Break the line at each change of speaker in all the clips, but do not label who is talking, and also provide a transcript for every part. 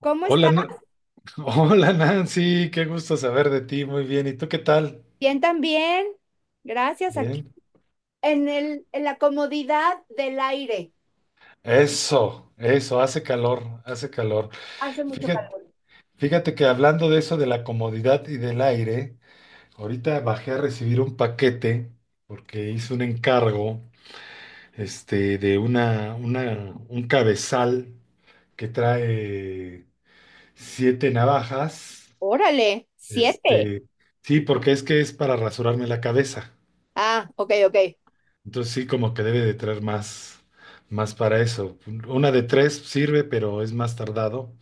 ¿Cómo
Hola,
está?
Hola Nancy, qué gusto saber de ti, muy bien. ¿Y tú qué tal?
Bien también. Gracias. Aquí
Bien.
en la comodidad del aire.
Eso, hace calor, hace calor.
Hace mucho
Fíjate,
calor.
fíjate que hablando de eso de la comodidad y del aire, ahorita bajé a recibir un paquete porque hice un encargo, de un cabezal que trae siete navajas.
Órale, siete.
este, sí, porque es que es para rasurarme la cabeza.
Ah, ok, ok.
Entonces sí, como que debe de traer más para eso. Una de tres sirve, pero es más tardado,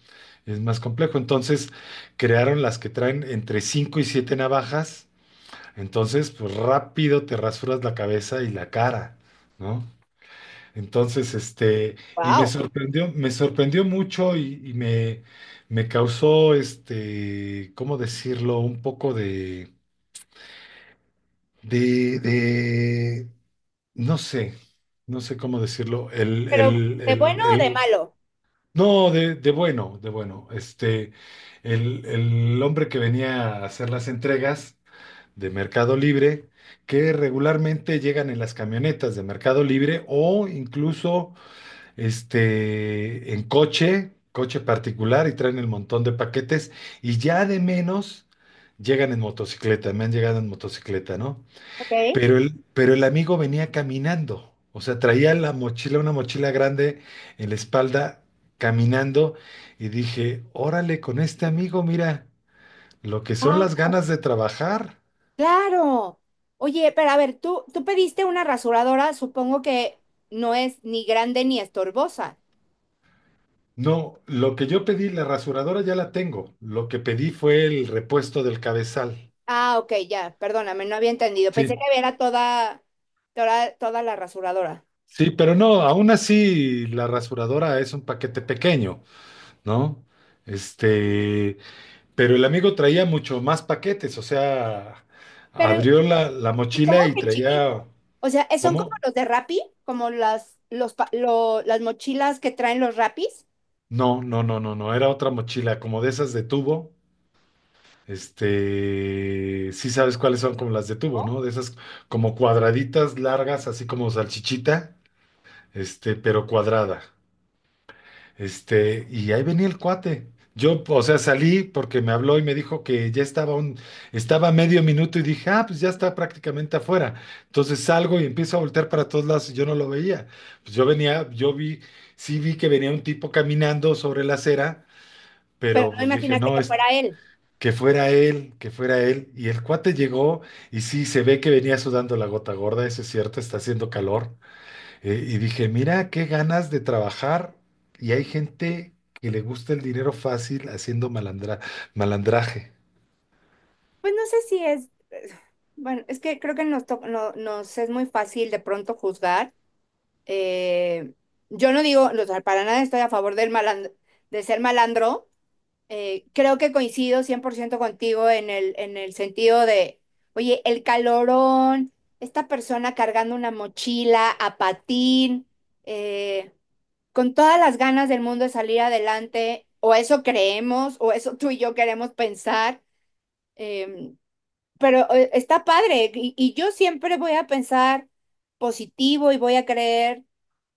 es más complejo. Entonces crearon las que traen entre cinco y siete navajas. Entonces, pues rápido te rasuras la cabeza y la cara, ¿no? Entonces, y
Wow.
me sorprendió mucho y me causó, ¿cómo decirlo? Un poco de, de, de no sé, no sé cómo decirlo.
Pero, ¿de bueno o de malo?
No, de bueno, de bueno. El hombre que venía a hacer las entregas de Mercado Libre, que regularmente llegan en las camionetas de Mercado Libre o incluso en coche, coche particular y traen el montón de paquetes y ya de menos llegan en motocicleta, me han llegado en motocicleta, ¿no?
Ok.
Pero el amigo venía caminando, o sea, traía la mochila, una mochila grande en la espalda, caminando, y dije, órale, con este amigo, mira, lo que son las
Wow.
ganas de trabajar.
Claro. Oye, pero a ver, tú pediste una rasuradora, supongo que no es ni grande ni estorbosa.
No, lo que yo pedí, la rasuradora ya la tengo, lo que pedí fue el repuesto del cabezal.
Ah, ok, ya, perdóname, no había entendido. Pensé
Sí,
que era toda la rasuradora.
sí, pero no, aún así la rasuradora es un paquete pequeño, ¿no? Este, Pero el amigo traía mucho más paquetes, o sea,
Pero
abrió la mochila
Supongo
y
que
traía,
chiquito. O sea, son como
¿cómo?
los de Rappi, como las mochilas que traen los Rappis,
No, no, no, no, no, era otra mochila, como de esas de tubo. Sí sabes cuáles son como las de tubo,
¿no?
¿no? De esas como cuadraditas largas, así como salchichita, pero cuadrada. Y ahí venía el cuate. Yo, o sea, salí porque me habló y me dijo que ya estaba a medio minuto y dije, ah, pues ya está prácticamente afuera. Entonces salgo y empiezo a voltear para todos lados y yo no lo veía. Pues yo vi, sí vi que venía un tipo caminando sobre la acera,
Pero
pero
no
pues dije,
imaginaste
no,
que
es
fuera él.
que fuera él, que fuera él. Y el cuate llegó y sí, se ve que venía sudando la gota gorda, eso es cierto, está haciendo calor. Y dije, mira qué ganas de trabajar y hay gente que le gusta el dinero fácil haciendo malandraje.
Pues no sé si es, bueno, es que creo que nos, to- no- nos es muy fácil de pronto juzgar. Eh, yo no digo, o sea, para nada estoy a favor de ser malandro. Creo que coincido 100% contigo en el sentido de, oye, el calorón, esta persona cargando una mochila a patín, eh, con todas las ganas del mundo de salir adelante, o eso creemos, o eso tú y yo queremos pensar, em, pero está padre, y yo siempre voy a pensar positivo y voy a creer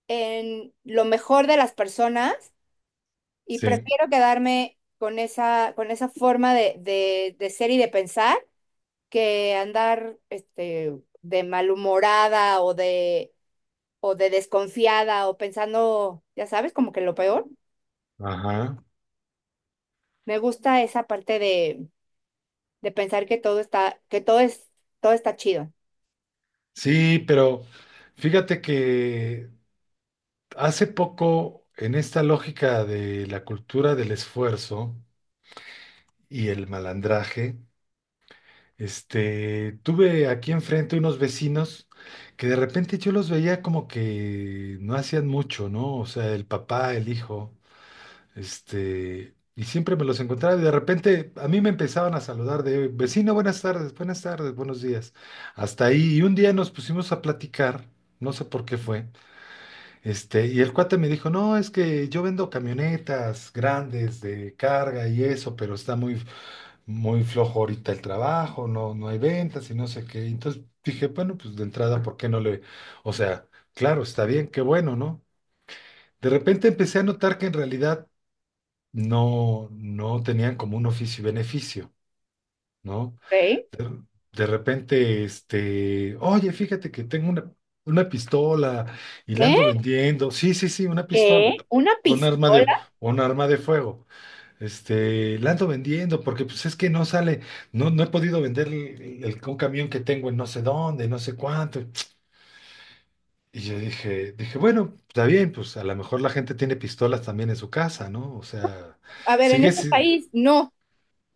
en lo mejor de las personas y
Sí,
prefiero quedarme con esa, forma de ser y de pensar que andar de malhumorada o de desconfiada o pensando, ya sabes, como que lo peor.
ajá.
Me gusta esa parte de pensar que todo está, que todo es, todo está chido.
Sí, pero fíjate que hace poco en esta lógica de la cultura del esfuerzo y el malandraje, tuve aquí enfrente unos vecinos que de repente yo los veía como que no hacían mucho, ¿no? O sea, el papá, el hijo. Y siempre me los encontraba y de repente a mí me empezaban a saludar de vecino, buenas tardes, buenos días. Hasta ahí, y un día nos pusimos a platicar, no sé por qué fue, y el cuate me dijo, no, es que yo vendo camionetas grandes de carga y eso, pero está muy, muy flojo ahorita el trabajo, no, no hay ventas y no sé qué. Entonces dije, bueno, pues de entrada, ¿por qué no le? O sea, claro, está bien, qué bueno, ¿no? De repente empecé a notar que en realidad no tenían como un oficio y beneficio, ¿no?
¿Eh?
De, de repente, oye, fíjate que tengo una pistola y la
¿Eh?
ando vendiendo. Sí, sí, sí, una pistola.
¿Qué? ¿Una
Un arma de,
pistola?
un arma de fuego. La ando vendiendo porque pues es que no sale, no, no he podido vender un camión que tengo en no sé dónde, no sé cuánto. Y yo dije, bueno, está bien, pues a lo mejor la gente tiene pistolas también en su casa, ¿no? O sea,
A ver, en este
sigues.
país no.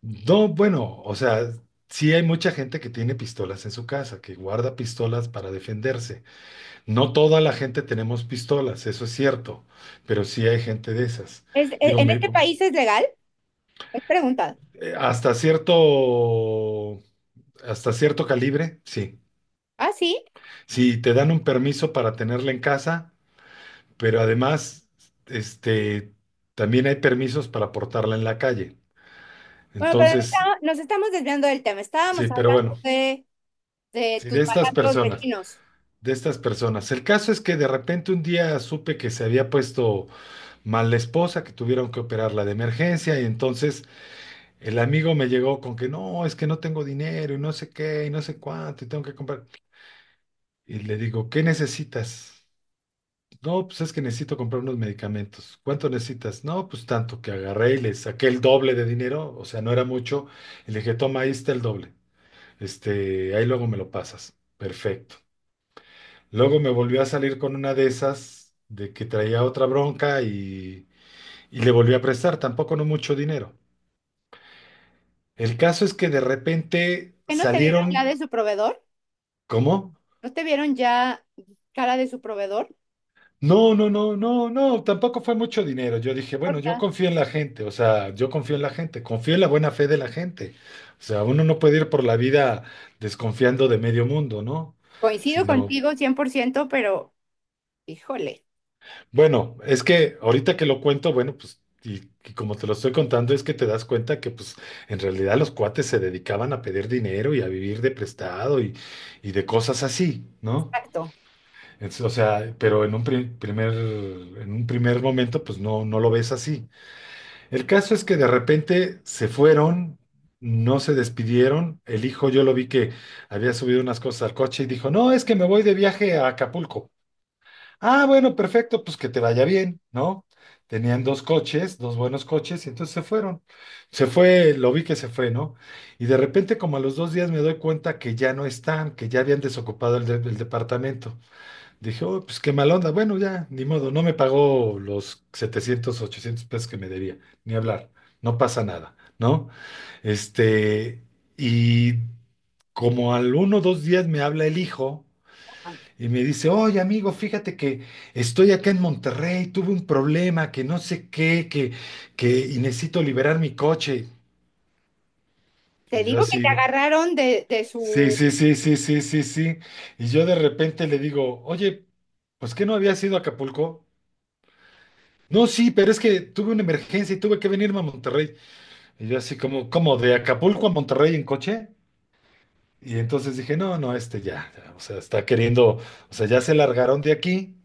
No, bueno, o sea, sí hay mucha gente que tiene pistolas en su casa, que guarda pistolas para defenderse. No toda la gente tenemos pistolas, eso es cierto, pero sí hay gente de esas. Digo,
¿En este país es legal? Es pregunta.
eh, hasta cierto, hasta cierto calibre, sí.
Ah, sí.
Sí, te dan un permiso para tenerla en casa, pero además, este, también hay permisos para portarla en la calle.
Bueno, pero
Entonces,
nos estamos desviando del tema.
sí,
Estábamos
pero
hablando
bueno,
de
sí,
tus malandros vecinos.
De estas personas. El caso es que de repente un día supe que se había puesto mal la esposa, que tuvieron que operarla de emergencia y entonces el amigo me llegó con que no, es que no tengo dinero y no sé qué y no sé cuánto y tengo que comprar. Y le digo, ¿qué necesitas? No, pues es que necesito comprar unos medicamentos. ¿Cuánto necesitas? No, pues tanto que agarré y le saqué el doble de dinero, o sea, no era mucho, y le dije, toma, ahí está el doble. Ahí luego me lo pasas. Perfecto. Luego me volvió a salir con una de esas, de que traía otra bronca y le volví a prestar, tampoco no mucho dinero. El caso es que de repente
¿Que no te vieron ya
salieron,
de su proveedor?
¿cómo?
¿No te vieron ya cara de su proveedor?
No, no, no, no, no, tampoco fue mucho dinero. Yo dije, bueno,
Porque
yo confío en la gente, o sea, yo confío en la gente, confío en la buena fe de la gente. O sea, uno no puede ir por la vida desconfiando de medio mundo, ¿no?
Coincido
Sino,
contigo 100%, pero híjole,
Bueno, es que ahorita que lo cuento, bueno, pues, y como te lo estoy contando, es que te das cuenta que, pues, en realidad los cuates se dedicaban a pedir dinero y a vivir de prestado y de cosas así, ¿no?
exacto.
O sea, pero en un primer momento, pues, no, no lo ves así. El caso es que de repente se fueron, no se despidieron. El hijo, yo lo vi que había subido unas cosas al coche y dijo, no, es que me voy de viaje a Acapulco. Ah, bueno, perfecto, pues que te vaya bien, ¿no? Tenían dos coches, dos buenos coches, y entonces se fueron. Se fue, lo vi que se fue, ¿no? Y de repente, como a los 2 días, me doy cuenta que ya no están, que ya habían desocupado el departamento. Dije, oh, pues qué mal onda. Bueno, ya, ni modo, no me pagó los 700, 800 pesos que me debía, ni hablar, no pasa nada, ¿no? Este, y como al 1 o 2 días me habla el hijo. Y me dice, oye amigo, fíjate que estoy acá en Monterrey, tuve un problema, que no sé qué, que y necesito liberar mi coche. Y
Te
yo
digo que te
así,
agarraron de
sí,
su.
sí, sí, sí, sí, sí, sí. Y yo de repente le digo, oye, pues que no había sido Acapulco. No, sí, pero es que tuve una emergencia y tuve que venirme a Monterrey. Y yo así como, ¿cómo? ¿De Acapulco a Monterrey en coche? Y entonces dije, no, no, ya, ya, o sea, está queriendo, o sea, ya se largaron de aquí,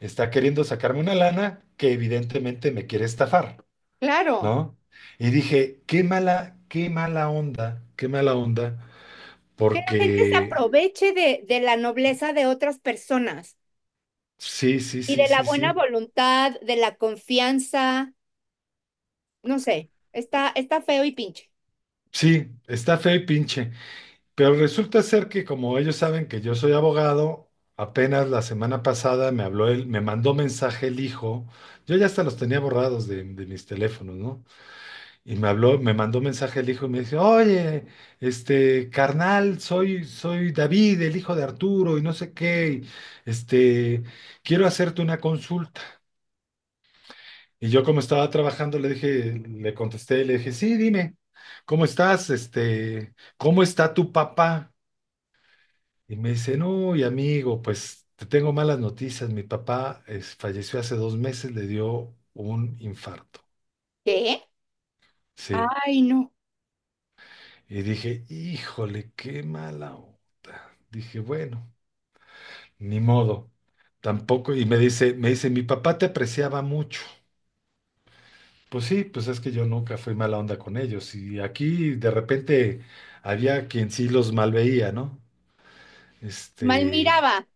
está queriendo sacarme una lana que evidentemente me quiere estafar,
Claro,
¿no? Y dije, qué mala onda,
que la gente se
porque
aproveche de la nobleza de otras personas
sí, sí,
y
sí,
de la
sí,
buena
sí,
voluntad, de la confianza, no sé, está feo y pinche.
sí, está feo y pinche, pero resulta ser que como ellos saben que yo soy abogado, apenas la semana pasada me habló él, me mandó mensaje el hijo, yo ya hasta los tenía borrados de mis teléfonos, ¿no? Y me habló, me mandó un mensaje el hijo y me dice, oye, carnal, soy David, el hijo de Arturo, y no sé qué, y, este, quiero hacerte una consulta. Y yo como estaba trabajando, le dije, le contesté, le dije, sí, dime, ¿cómo estás? ¿Cómo está tu papá? Y me dice, no, y amigo, pues te tengo malas noticias. Mi papá falleció hace 2 meses, le dio un infarto.
¿Qué?
Sí.
Ay, no.
Y dije, híjole, qué mala onda. Dije, bueno, ni modo. Tampoco, y me dice, mi papá te apreciaba mucho. Pues sí, pues es que yo nunca fui mala onda con ellos. Y aquí de repente había quien sí los malveía, ¿no?
Mal
Este,
miraba.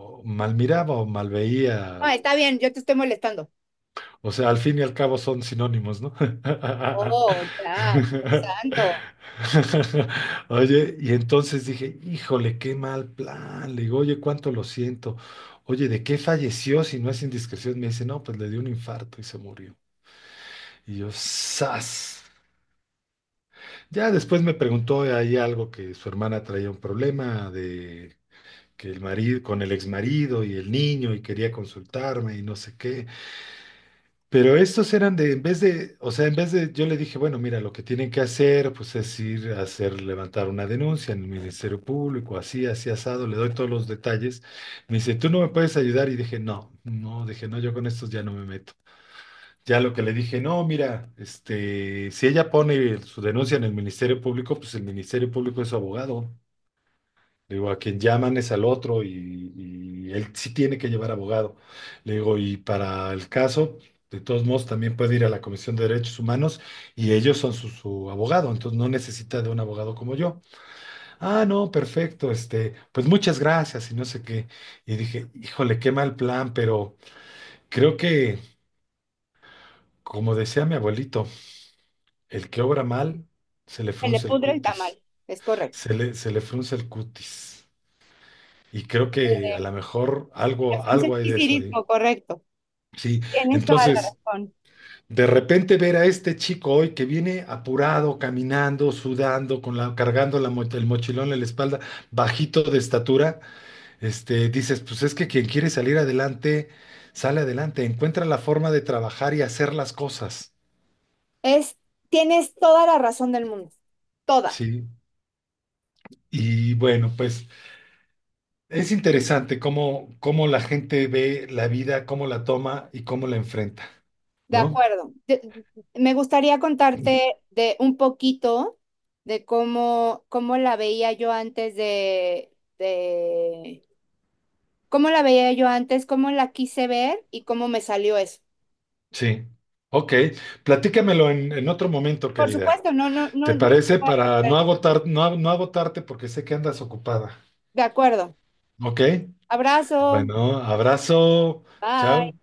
o mal miraba o mal veía.
No, está bien, yo te estoy molestando.
O sea, al fin y al cabo son sinónimos, ¿no?
Oh, ya, Dios santo.
Oye, y entonces dije, híjole, qué mal plan. Le digo, oye, cuánto lo siento. Oye, ¿de qué falleció si no es indiscreción? Me dice, no, pues le dio un infarto y se murió. Y yo, ¡zas! Ya después me preguntó ahí algo que su hermana traía un problema de que con el exmarido y el niño y quería consultarme y no sé qué. Pero estos eran de, en vez de, o sea, en vez de, yo le dije, bueno, mira, lo que tienen que hacer, pues es ir a hacer, levantar una denuncia en el Ministerio Público, así, así asado, le doy todos los detalles. Me dice, ¿tú no me puedes ayudar? Y dije, no, no, dije, no, yo con estos ya no me meto. Ya lo que le dije, no, mira, si ella pone su denuncia en el Ministerio Público, pues el Ministerio Público es su abogado, le digo, a quien llaman es al otro y él sí tiene que llevar abogado. Le digo, y para el caso, de todos modos, también puede ir a la Comisión de Derechos Humanos y ellos son su abogado, entonces no necesita de un abogado como yo. Ah, no, perfecto, pues muchas gracias y no sé qué. Y dije, híjole, qué mal plan, pero creo que, como decía mi abuelito, el que obra mal, se le
Se le
frunce el
pudre el
cutis,
tamal. Es correcto.
se le frunce el cutis. Y creo
El
que a lo
de,
mejor
el de
algo, algo hay de eso
Franceski,
ahí.
correcto.
Sí,
Tienes toda la
entonces,
razón.
de repente ver a este chico hoy que viene apurado, caminando, sudando, cargando el mochilón en la espalda, bajito de estatura, dices, pues es que quien quiere salir adelante, sale adelante, encuentra la forma de trabajar y hacer las cosas.
Es, Tienes toda la razón del mundo. Toda.
Sí, y bueno, pues es interesante cómo la gente ve la vida, cómo la toma y cómo la enfrenta,
De
¿no?
acuerdo. Me gustaría contarte de un poquito de cómo la veía yo antes de, cómo la veía yo antes, cómo la quise ver y cómo me salió eso.
Sí, ok. Platícamelo en otro momento,
Por
querida.
supuesto, no, no, no,
¿Te
no. Te
parece?
voy a
Para
cortar.
no agotar, no, no agotarte porque sé que andas ocupada.
De acuerdo.
¿Ok?
Abrazo.
Bueno, abrazo. Chao.
Bye.